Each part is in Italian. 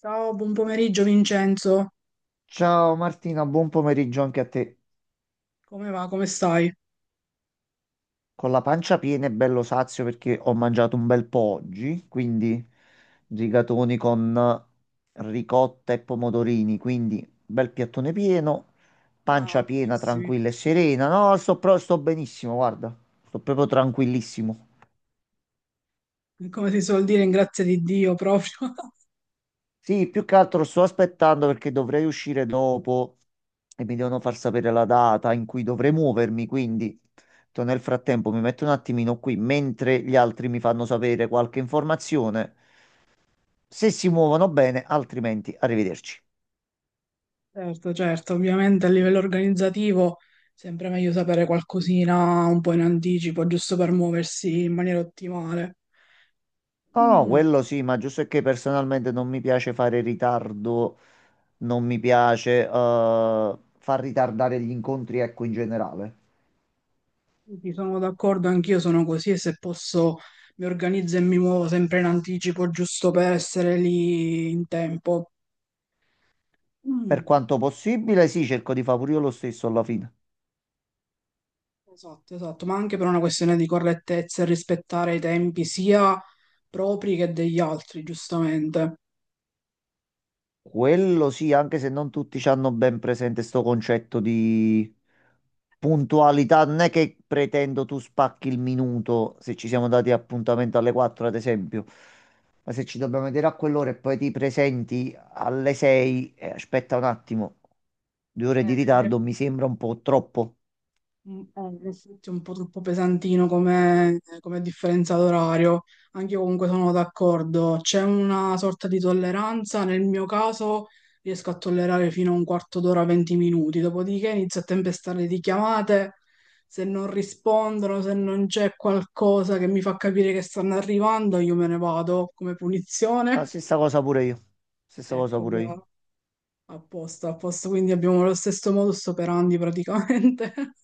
Ciao, buon pomeriggio Vincenzo. Ciao Martina, buon pomeriggio anche a te. Come va? Come stai? Con la pancia piena e bello sazio perché ho mangiato un bel po' oggi, quindi rigatoni con ricotta e pomodorini, quindi bel piattone pieno, Ah, pancia piena, benissimo. tranquilla e serena. No, sto benissimo, guarda, sto proprio tranquillissimo. Come si suol dire, in grazia di Dio proprio. Sì, più che altro sto aspettando perché dovrei uscire dopo e mi devono far sapere la data in cui dovrei muovermi, quindi nel frattempo mi metto un attimino qui mentre gli altri mi fanno sapere qualche informazione. Se si muovono bene, altrimenti arrivederci. Certo, certo, ovviamente a livello organizzativo sempre meglio sapere qualcosina un po' in anticipo, giusto per muoversi in maniera ottimale. No, no, Mm, quello sì, ma giusto è che personalmente non mi piace fare ritardo, non mi piace far ritardare gli incontri, ecco, in generale. sì, sono d'accordo, anch'io sono così e se posso mi organizzo e mi muovo sempre in anticipo, giusto per essere lì in tempo. Mm. Per quanto possibile, sì, cerco di fare pure io lo stesso alla fine. Esatto, esatto, ma anche per una questione di correttezza e rispettare i tempi sia propri che degli altri, giustamente. Quello sì, anche se non tutti ci hanno ben presente sto concetto di puntualità, non è che pretendo tu spacchi il minuto se ci siamo dati appuntamento alle 4, ad esempio, ma se ci dobbiamo vedere a quell'ora e poi ti presenti alle 6, aspetta un attimo, 2 ore Eh, di Eh, ritardo mi sembra un po' troppo. In effetti è un po' troppo pesantino come, come differenza d'orario, anche io comunque sono d'accordo, c'è una sorta di tolleranza, nel mio caso riesco a tollerare fino a un quarto d'ora, 20 minuti, dopodiché inizio a tempestare di chiamate, se non rispondono, se non c'è qualcosa che mi fa capire che stanno arrivando, io me ne vado come La punizione. stessa cosa pure io, stessa cosa Ecco, pure io. bravo, a posto, quindi abbiamo lo stesso modus operandi praticamente.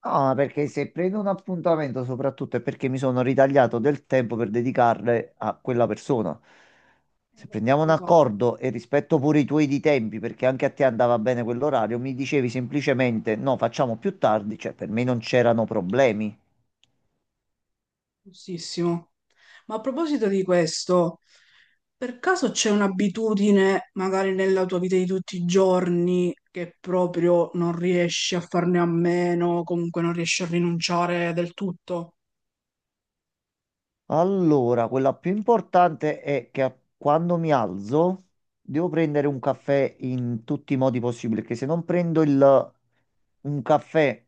No, ma perché se prendo un appuntamento soprattutto è perché mi sono ritagliato del tempo per dedicarle a quella persona. Se prendiamo Esatto, un esatto. accordo e rispetto pure i tuoi di tempi, perché anche a te andava bene quell'orario, mi dicevi semplicemente no, facciamo più tardi, cioè per me non c'erano problemi. Giustissimo. Ma a proposito di questo, per caso c'è un'abitudine, magari nella tua vita di tutti i giorni, che proprio non riesci a farne a meno, o comunque non riesci a rinunciare del tutto? Allora, quella più importante è che quando mi alzo devo prendere un caffè in tutti i modi possibili, perché se non prendo il, un caffè.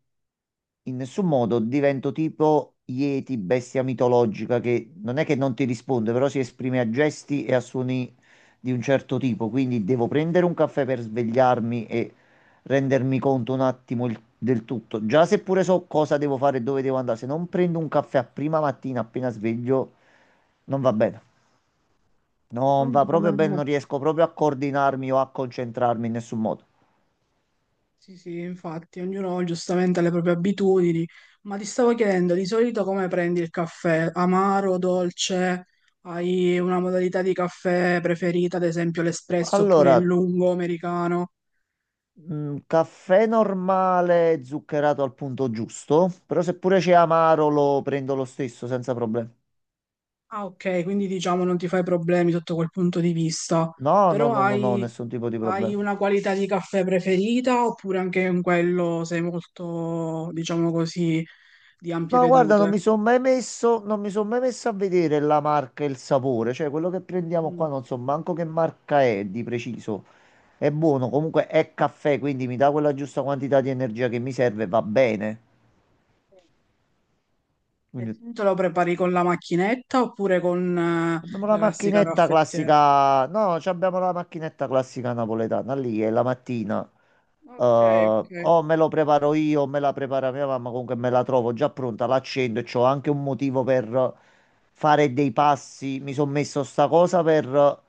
In nessun modo divento tipo Yeti, bestia mitologica, che non è che non ti risponde, però si esprime a gesti e a suoni di un certo tipo. Quindi devo prendere un caffè per svegliarmi e rendermi conto un attimo del tutto. Già seppure so cosa devo fare e dove devo andare, se non prendo un caffè a prima mattina appena sveglio, non va bene. Non Ricordo va proprio bene, come- non riesco proprio a coordinarmi o a concentrarmi in nessun modo. Sì, sì, infatti, ognuno giustamente ha le proprie abitudini, ma ti stavo chiedendo, di solito come prendi il caffè? Amaro, dolce? Hai una modalità di caffè preferita, ad esempio l'espresso oppure Allora. il lungo americano? Caffè normale zuccherato al punto giusto, però se pure c'è amaro lo prendo lo stesso senza problemi. Ah, ok, quindi diciamo non ti fai problemi sotto quel punto di vista, No, no, però no, no, no, nessun tipo di hai problema. una qualità di caffè preferita oppure anche in quello sei molto, diciamo così, di ampie No, guarda, vedute? Non mi sono mai messo a vedere la marca e il sapore, cioè quello che prendiamo Mm. qua non so manco che marca è di preciso. È buono, comunque è caffè, quindi mi dà quella giusta quantità di energia che mi serve, e va bene. E Quindi tu te lo prepari con la macchinetta oppure con abbiamo la la classica macchinetta caffettiera? classica, no, ci abbiamo la macchinetta classica napoletana lì, è la mattina. Eh, Ok, o me lo preparo io, o me la prepara mia mamma, comunque me la trovo già pronta, l'accendo e c'ho anche un motivo per fare dei passi. Mi sono messo sta cosa per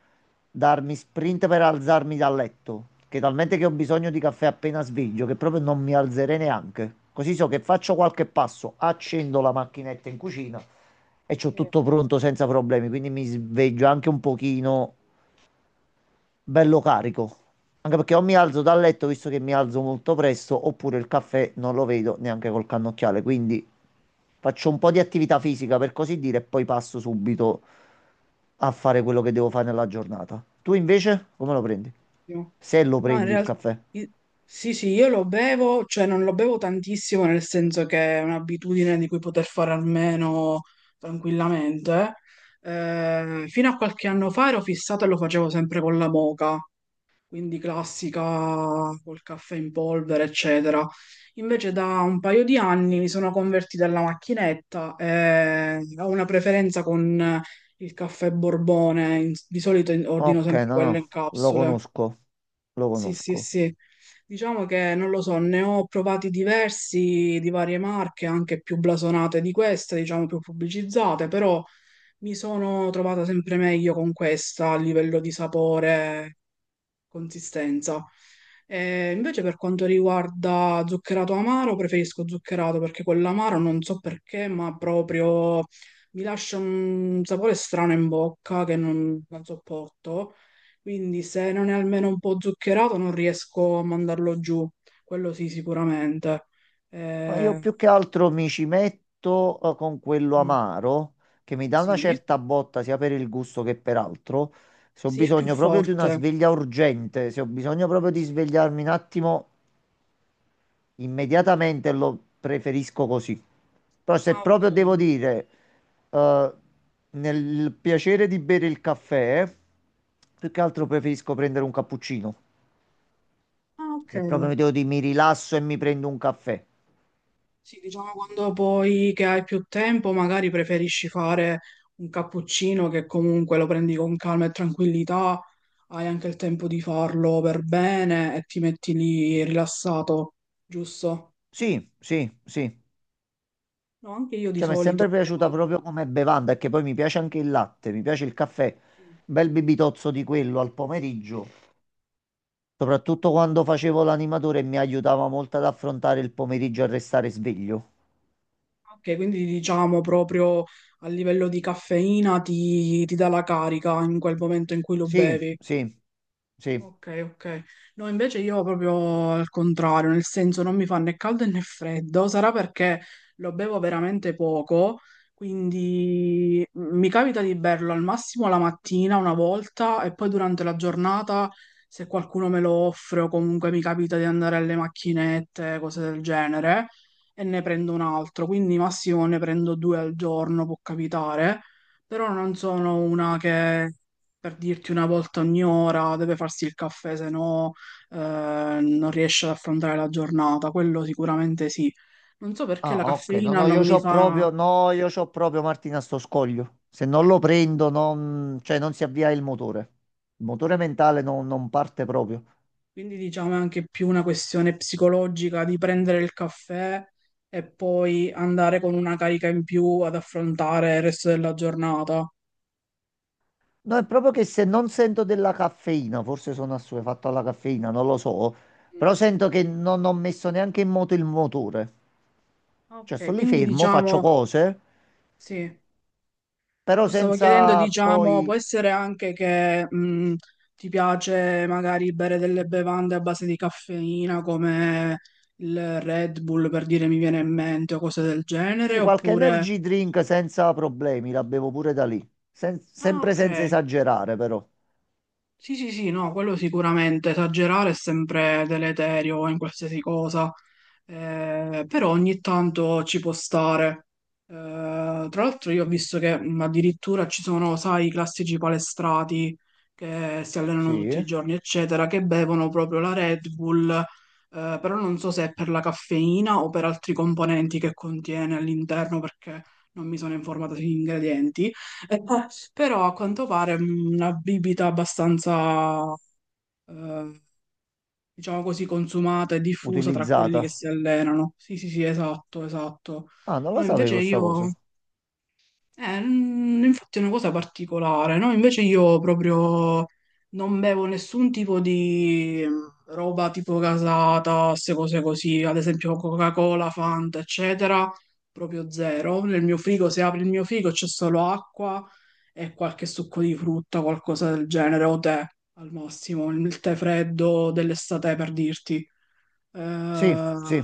darmi sprint per alzarmi dal letto, che talmente che ho bisogno di caffè appena sveglio, che proprio non mi alzerei neanche. Così so che faccio qualche passo, accendo la macchinetta in cucina e c'ho tutto ok. pronto senza problemi, quindi mi sveglio anche un pochino bello carico. Anche perché o mi alzo dal letto, visto che mi alzo molto presto, oppure il caffè non lo vedo neanche col cannocchiale. Quindi faccio un po' di attività fisica, per così dire, e poi passo subito a fare quello che devo fare nella giornata. Tu invece come lo prendi? Se lo No, in prendi il realtà caffè. sì, sì, io lo bevo, cioè non lo bevo tantissimo, nel senso che è un'abitudine di cui poter fare almeno tranquillamente. Fino a qualche anno fa ero fissato e lo facevo sempre con la moka, quindi classica, col caffè in polvere, eccetera. Invece da un paio di anni mi sono convertita alla macchinetta e ho una preferenza con il caffè Borbone, di solito ordino Ok, sempre no, quello no, in lo capsule. conosco, lo Sì, sì, conosco. sì. Diciamo che non lo so, ne ho provati diversi di varie marche, anche più blasonate di questa, diciamo più pubblicizzate, però mi sono trovata sempre meglio con questa a livello di sapore, consistenza. Invece per quanto riguarda zuccherato amaro, preferisco zuccherato perché quell'amaro non so perché, ma proprio mi lascia un sapore strano in bocca che non sopporto. Quindi se non è almeno un po' zuccherato non riesco a mandarlo giù, quello sì sicuramente. Ma io Eh, più che altro mi ci metto con quello mm, amaro che mi dà una sì, certa botta sia per il gusto che per altro. Se ho sì, è più bisogno proprio di una forte. sveglia urgente, se ho bisogno proprio di Sì. svegliarmi un attimo, immediatamente lo preferisco così. Però se Ah, proprio devo ok. dire, eh, nel piacere di bere il caffè, più che Sì. altro preferisco prendere un cappuccino. Ah, ok. Se proprio mi devo dire, mi rilasso e mi prendo un caffè. Sì, diciamo quando poi che hai più tempo, magari preferisci fare un cappuccino che comunque lo prendi con calma e tranquillità, hai anche il tempo di farlo per bene e ti metti lì rilassato, giusto? Sì, sì, sì. No, anche io di Cioè, mi è solito. sempre piaciuta proprio come bevanda, perché poi mi piace anche il latte, mi piace il caffè, un Sì. bel bibitozzo di quello al pomeriggio, soprattutto quando facevo l'animatore mi aiutava molto ad affrontare il pomeriggio e a restare sveglio. Ok, quindi diciamo proprio a livello di caffeina ti dà la carica in quel momento in cui lo Sì, bevi. sì, sì. Ok, ok. No, invece io proprio al contrario, nel senso non mi fa né caldo né freddo, sarà perché lo bevo veramente poco, quindi mi capita di berlo al massimo la mattina una volta e poi durante la giornata, se qualcuno me lo offre o comunque mi capita di andare alle macchinette, cose del genere, e ne prendo un altro, quindi massimo ne prendo due al giorno, può capitare, però non sono una che per dirti una volta ogni ora, deve farsi il caffè, se no eh, non riesce ad affrontare la giornata, quello sicuramente sì. Non so perché Ah, la ok, caffeina non mi fa, no, io c'ho proprio Martina sto scoglio. Se non lo prendo, non, cioè, non si avvia il motore. Il motore mentale non parte proprio. quindi diciamo è anche più una questione psicologica di prendere il caffè e poi andare con una carica in più ad affrontare il resto della giornata. No, è proprio che se non sento della caffeina, forse sono assuefatto alla caffeina, non lo so, però Mm. sento che non ho messo neanche in moto il motore. Cioè, Ok, sto lì quindi fermo, faccio diciamo cose, sì. però Lo stavo chiedendo, senza diciamo, può poi... essere anche che ti piace magari bere delle bevande a base di caffeina come il Red Bull per dire mi viene in mente o cose del genere, Sì, qualche oppure... energy drink senza problemi, la bevo pure da lì. Ah, Sempre ok. senza esagerare, però. Sì, sì, sì, no, quello sicuramente, esagerare è sempre deleterio in qualsiasi cosa. Però ogni tanto ci può stare. Tra l'altro io ho visto che addirittura ci sono, sai, i classici palestrati che si Sì, allenano tutti i eh? giorni, eccetera, che bevono proprio la Red Bull, però non so se è per la caffeina o per altri componenti che contiene all'interno, perché non mi sono informata sugli ingredienti. Eh, Però a quanto pare una bibita abbastanza eh, diciamo così, consumata e diffusa tra quelli che Utilizzata. si allenano. Sì, sì, sì, esatto, esatto. Ah, non la No, invece sapevo sta io cosa. eh, mm, infatti è una cosa particolare, no? Invece io proprio non bevo nessun tipo di roba tipo casata, queste cose così, ad esempio Coca-Cola, Fanta, eccetera, proprio zero. Nel mio frigo, se apri il mio frigo, c'è solo acqua e qualche succo di frutta, qualcosa del genere, o tè al massimo, il tè freddo dell'estate per dirti. Sì, Eh, sì.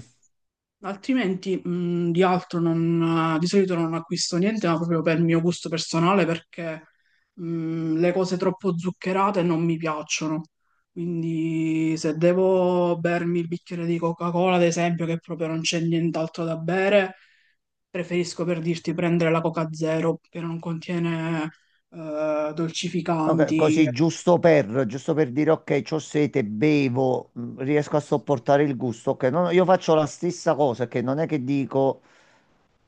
Altrimenti, di altro non, di solito non acquisto niente, ma proprio per il mio gusto personale, perché le cose troppo zuccherate non mi piacciono. Quindi se devo bermi il bicchiere di Coca-Cola, ad esempio, che proprio non c'è nient'altro da bere, preferisco per dirti prendere la Coca Zero, che non contiene Ok, dolcificanti. così Ecco. Giusto per dire ok, c'ho sete, bevo, riesco a sopportare il gusto. Ok, no, no, io faccio la stessa cosa, che non è che dico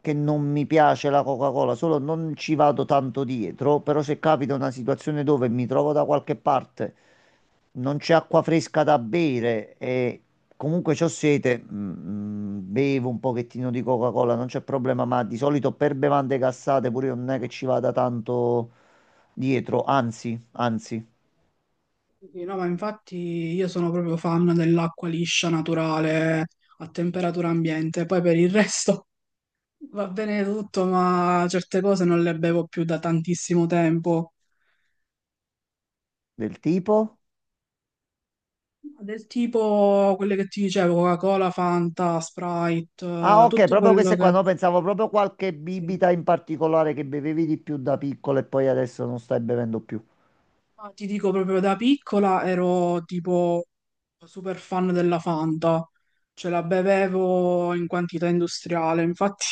che non mi piace la Coca-Cola, solo non ci vado tanto dietro, però se capita una situazione dove mi trovo da qualche parte, non c'è acqua fresca da bere e comunque c'ho sete, bevo un pochettino di Coca-Cola, non c'è problema, ma di solito per bevande gassate pure io non è che ci vada tanto dietro, anzi, anzi. Sì. No, ma infatti io sono proprio fan dell'acqua liscia, naturale, a temperatura ambiente. Poi per il resto va bene tutto, ma certe cose non le bevo più da tantissimo tempo. Del tipo? Del tipo quelle che ti dicevo, Coca-Cola, Fanta, Sprite, Ah, ok, tutto proprio quello queste qua. che... No, pensavo proprio qualche Sì. bibita in particolare che bevevi di più da piccolo e poi adesso non stai bevendo più. Ma ti dico proprio da piccola ero tipo super fan della Fanta, ce la bevevo in quantità industriale, infatti...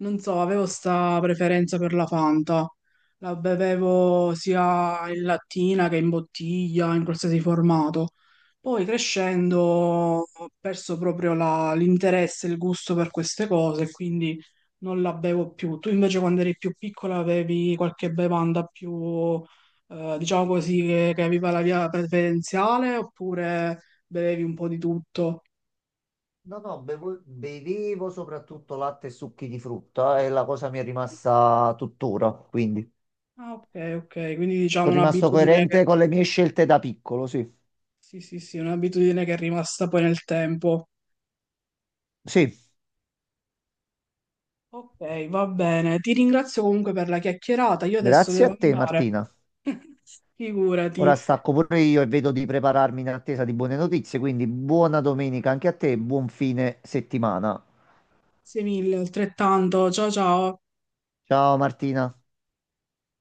Non so, avevo sta preferenza per la Fanta. La bevevo sia in lattina che in bottiglia, in qualsiasi formato. Poi crescendo ho perso proprio l'interesse e il gusto per queste cose, quindi non la bevo più. Tu invece quando eri più piccola avevi qualche bevanda più, diciamo così, che aveva la via preferenziale oppure bevevi un po' di tutto? No, bevevo soprattutto latte e succhi di frutta e la cosa mi è rimasta tuttora, quindi. Ah, ok, ok, quindi diciamo Sono rimasto un'abitudine. coerente con le mie scelte da piccolo, sì. Sì, sì, sì, un'abitudine che è rimasta poi nel tempo. Sì, Ok, va bene. Ti ringrazio comunque per la chiacchierata. Io adesso grazie a devo te, andare. Martina. Figurati. Ora stacco pure io e vedo di prepararmi in attesa di buone notizie, quindi buona domenica anche a te e buon fine settimana. Grazie mille, altrettanto. Ciao ciao. Ciao, Martina.